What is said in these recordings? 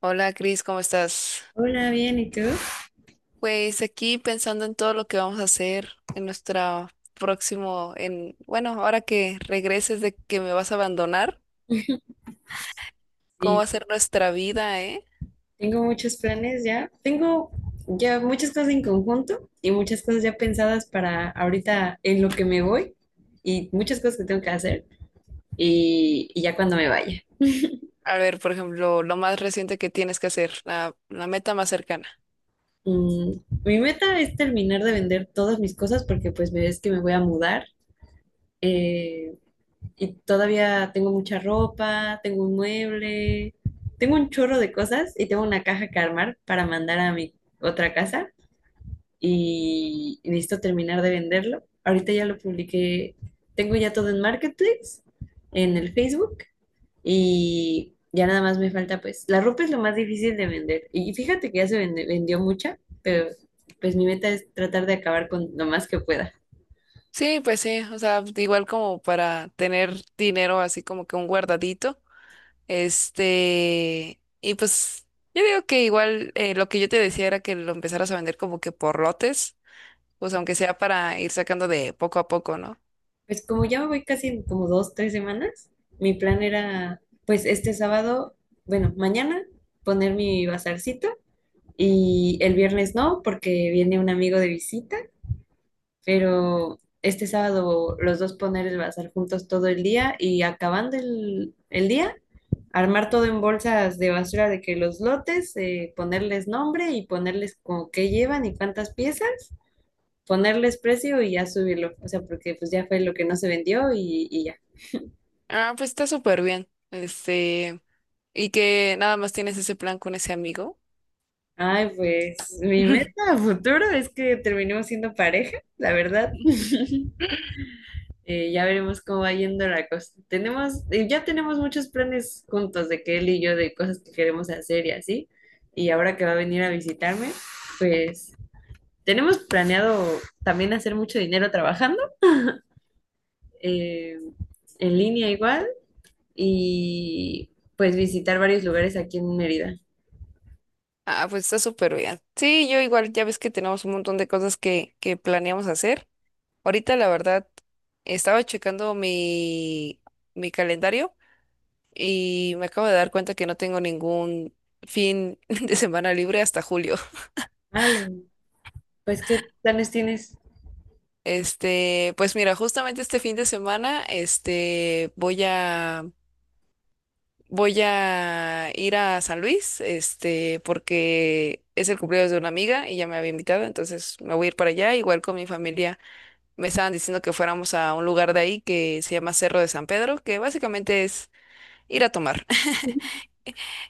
Hola Cris, ¿cómo estás? Hola, bien, ¿y tú? Pues aquí pensando en todo lo que vamos a hacer en nuestra próximo, en, bueno, ahora que regreses de que me vas a abandonar, ¿cómo va Sí, a ser nuestra vida, eh? tengo muchos planes ya. Tengo ya muchas cosas en conjunto y muchas cosas ya pensadas para ahorita en lo que me voy y muchas cosas que tengo que hacer y ya cuando me vaya. A ver, por ejemplo, lo más reciente que tienes que hacer, la meta más cercana. Mm, mi meta es terminar de vender todas mis cosas porque pues me ves que me voy a mudar, eh, y todavía tengo mucha ropa, tengo un mueble, tengo un chorro de cosas y tengo una caja que armar para mandar a mi otra casa. Y necesito terminar de venderlo. Ahorita ya lo publiqué, tengo ya todo en Marketplace, en el Facebook, y ya nada más me falta, pues la ropa es lo más difícil de vender y fíjate que ya se vendió mucha, pero pues mi meta es tratar de acabar con lo más que pueda. Sí, pues sí, o sea, igual como para tener dinero así como que un guardadito, este, y pues yo digo que igual lo que yo te decía era que lo empezaras a vender como que por lotes pues aunque sea para ir sacando de poco a poco, ¿no? Pues como ya me voy casi en como dos, tres semanas, mi plan era pues este sábado, bueno, mañana, poner mi bazarcito, y el viernes no, porque viene un amigo de visita. Pero este sábado los dos poner el bazar juntos todo el día y acabando el día, armar todo en bolsas de basura de que los lotes, ponerles nombre y ponerles como qué llevan y cuántas piezas, ponerles precio y ya subirlo, o sea, porque pues ya fue lo que no se vendió y ya. Ah, pues está súper bien. Este, y que nada más tienes ese plan con ese amigo. Ay, pues mi meta a futuro es que terminemos siendo pareja, la verdad. Ya veremos cómo va yendo la cosa. Tenemos, ya tenemos muchos planes juntos de que él y yo, de cosas que queremos hacer y así. Y ahora que va a venir a visitarme, pues tenemos planeado también hacer mucho dinero trabajando, eh, en línea igual, y pues visitar varios lugares aquí en Mérida. Ah, pues está súper bien. Sí, yo igual, ya ves que tenemos un montón de cosas que planeamos hacer. Ahorita, la verdad, estaba checando mi calendario y me acabo de dar cuenta que no tengo ningún fin de semana libre hasta julio. Al, pues, ¿qué planes tienes? Este, pues mira, justamente este fin de semana, este, voy a ir a San Luis, este, porque es el cumpleaños de una amiga y ya me había invitado, entonces me voy a ir para allá, igual con mi familia. Me estaban diciendo que fuéramos a un lugar de ahí que se llama Cerro de San Pedro, que básicamente es ir a tomar.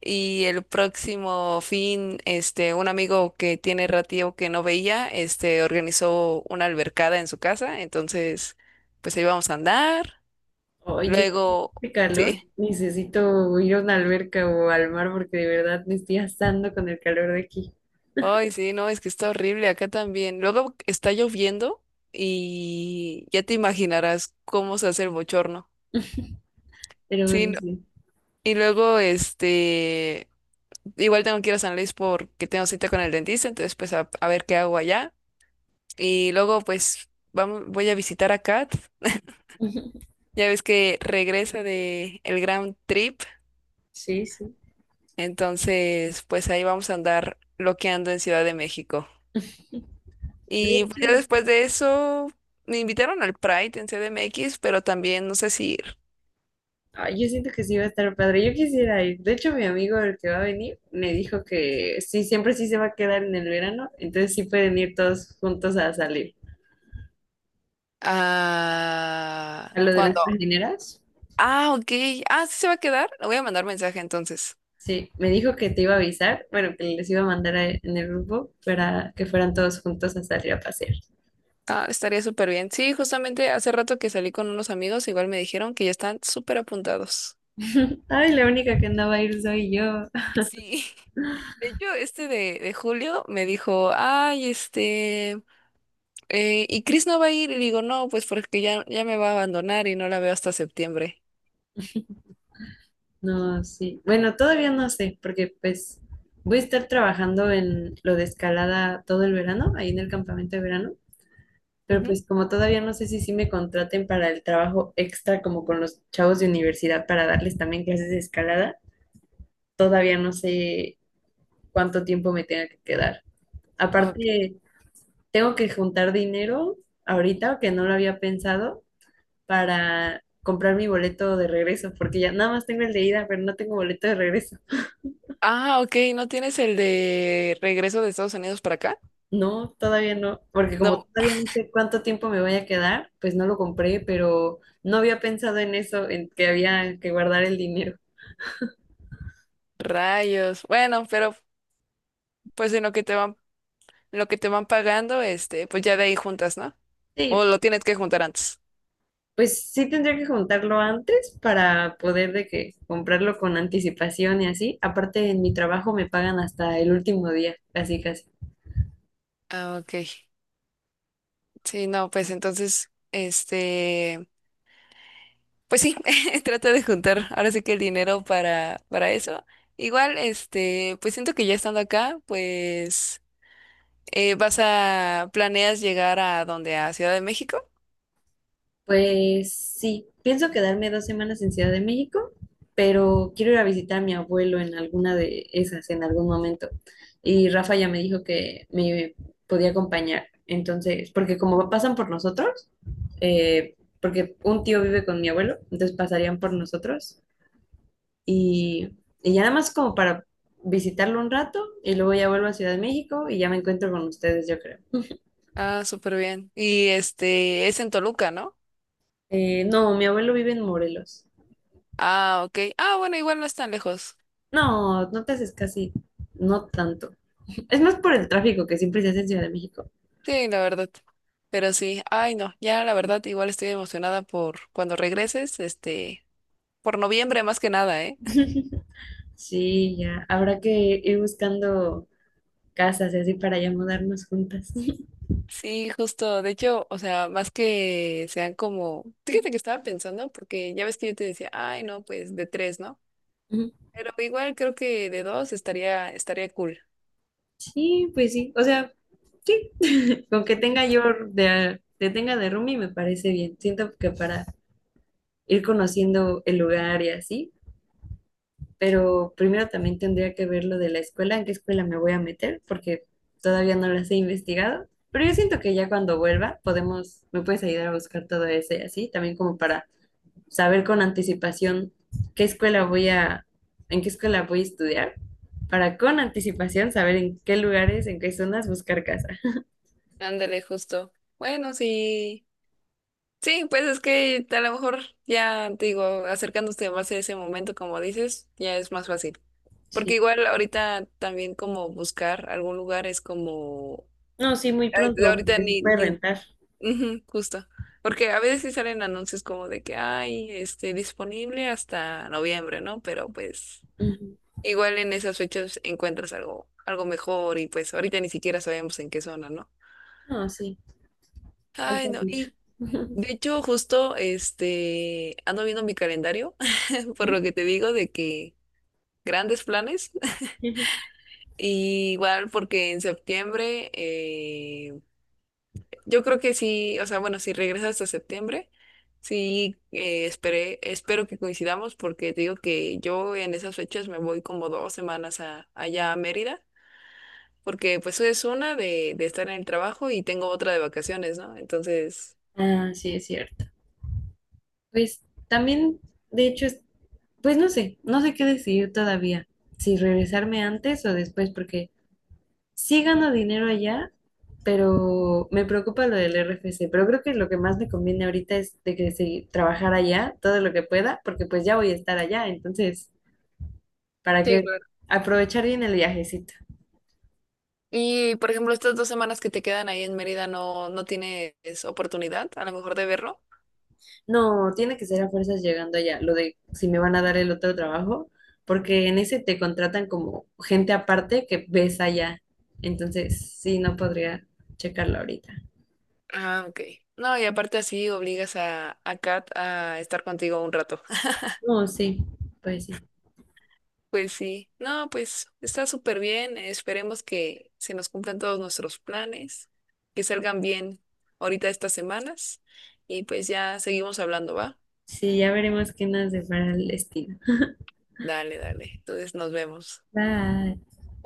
Y el próximo fin, este, un amigo que tiene ratío que no veía, este, organizó una albercada en su casa, entonces, pues ahí vamos a andar. Ay, yo, Luego, qué calor. sí. Necesito ir a una alberca o al mar porque de verdad me estoy asando con el calor de aquí. Ay, sí, no, es que está horrible acá también. Luego está lloviendo y ya te imaginarás cómo se hace el bochorno. Pero Sí, bueno, sí. y luego, este, igual tengo que ir a San Luis porque tengo cita con el dentista, entonces pues a ver qué hago allá. Y luego pues voy a visitar a Kat. Ya ves que regresa de el Grand Trip, Sí, sí. entonces pues ahí vamos a andar loqueando en Ciudad de México. De Y pues, ya hecho, después de eso me invitaron al Pride en CDMX, pero también no sé si ir. ay, yo siento que sí va a estar padre. Yo quisiera ir. De hecho, mi amigo, el que va a venir, me dijo que sí, siempre sí se va a quedar en el verano. Entonces sí pueden ir todos juntos a salir. Ah, A lo de las cuando. trajineras. Ah, ok. Ah, sí se va a quedar. Le voy a mandar mensaje entonces. Sí, me dijo que te iba a avisar, bueno, que les iba a mandar en el grupo para que fueran todos juntos a salir a pasear. Ah, estaría súper bien. Sí, justamente hace rato que salí con unos amigos, igual me dijeron que ya están súper apuntados. Ay, la única que no va a ir soy yo. Sí. De hecho, este de Julio me dijo, ay, este, ¿y Chris no va a ir? Y digo, no, pues porque ya, ya me va a abandonar y no la veo hasta septiembre. No, sí. Bueno, todavía no sé, porque pues voy a estar trabajando en lo de escalada todo el verano, ahí en el campamento de verano, pero Ujú. pues como todavía no sé si sí me contraten para el trabajo extra como con los chavos de universidad para darles también clases de escalada, todavía no sé cuánto tiempo me tenga que quedar. Ok. Aparte, tengo que juntar dinero ahorita, que no lo había pensado, para comprar mi boleto de regreso, porque ya nada más tengo el de ida, pero no tengo boleto de regreso. Ah, ok, ¿no tienes el de regreso de Estados Unidos para acá? No, todavía no, porque como No, todavía no sé cuánto tiempo me voy a quedar, pues no lo compré, pero no había pensado en eso, en que había que guardar el dinero. rayos. Bueno, pero pues en lo que te van pagando, este, pues ya de ahí juntas, ¿no? Sí, O lo tienes que juntar antes. pues sí tendría que juntarlo antes para poder de que comprarlo con anticipación y así. Aparte, en mi trabajo me pagan hasta el último día, casi casi. Ah, ok. Sí, no, pues entonces, este, pues sí, trata de juntar ahora sí que el dinero para eso. Igual, este, pues siento que ya estando acá, pues planeas llegar a donde, a Ciudad de México. Pues sí, pienso quedarme dos semanas en Ciudad de México, pero quiero ir a visitar a mi abuelo en alguna de esas, en algún momento. Y Rafa ya me dijo que me podía acompañar. Entonces, porque como pasan por nosotros, porque un tío vive con mi abuelo, entonces pasarían por nosotros y, y ya nada más como para visitarlo un rato y luego ya vuelvo a Ciudad de México y ya me encuentro con ustedes, yo creo. Ah, súper bien. Y este, es en Toluca, ¿no? No, mi abuelo vive en Morelos. Ah, ok. Ah, bueno, igual no es tan lejos. No, no te haces casi, no tanto. Es más por el tráfico que siempre se hace en Ciudad de México. Sí, la verdad. Pero sí, ay, no, ya la verdad, igual estoy emocionada por cuando regreses, este, por noviembre más que nada, ¿eh? Sí, ya. Habrá que ir buscando casas y así para ya mudarnos juntas. Sí, justo. De hecho, o sea, más que sean como, fíjate que estaba pensando, porque ya ves que yo te decía, ay, no, pues de tres, ¿no? Ujú. Pero igual creo que de dos estaría cool. Sí, pues sí. O sea, sí. Con que tenga yo de, que tenga de roomie me parece bien. Siento que para ir conociendo el lugar y así. Pero primero también tendría que ver lo de la escuela, en qué escuela me voy a meter, porque todavía no las he investigado. Pero yo siento que ya cuando vuelva podemos, me puedes ayudar a buscar todo ese así, también como para saber con anticipación qué escuela voy a, en qué escuela voy a estudiar, para con anticipación saber en qué lugares, en qué zonas buscar casa. Ándale, justo. Bueno, sí. Sí, pues es que a lo mejor ya te digo, acercándose más a ese momento, como dices, ya es más fácil. Porque Sí. igual ahorita también como buscar algún lugar es como, No, sí, muy pronto, ahorita porque se ni, puede ni, rentar. ujú, justo. Porque a veces sí salen anuncios como de que hay, este, disponible hasta noviembre, ¿no? Pero pues Ujú. igual en esas fechas encuentras algo mejor y pues ahorita ni siquiera sabemos en qué zona, ¿no? No, sí, falta Ay, no. mucho. De hecho, justo este ando viendo mi calendario, por Ujú. lo que te digo de que grandes planes. Y igual porque en septiembre, yo creo que sí, o sea, bueno, si regresas hasta septiembre, sí espero que coincidamos porque te digo que yo en esas fechas me voy como 2 semanas allá a Mérida, porque pues es una de estar en el trabajo y tengo otra de vacaciones, ¿no? Entonces... Ah, sí, es cierto. Pues también, de hecho, pues no sé, no sé qué decidir todavía, si regresarme antes o después, porque sí gano dinero allá, pero me preocupa lo del RFC, pero creo que lo que más me conviene ahorita es de que sí, trabajar allá todo lo que pueda, porque pues ya voy a estar allá, entonces, para sí. que aprovechar bien el viajecito. Y, por ejemplo, estas 2 semanas que te quedan ahí en Mérida, ¿no, no tienes oportunidad a lo mejor de verlo? No, tiene que ser a fuerzas llegando allá, lo de si me van a dar el otro trabajo, porque en ese te contratan como gente aparte que ves allá. Entonces, sí, no podría checarlo ahorita. Ah, ok. No, y aparte así obligas a Kat a estar contigo un rato. No, sí, pues sí. Pues sí. No, pues está súper bien. Esperemos que se nos cumplan todos nuestros planes, que salgan bien ahorita estas semanas. Y pues ya seguimos hablando, ¿va? Sí, ya veremos qué nos depara el destino. Dale, dale. Entonces nos vemos. Bye.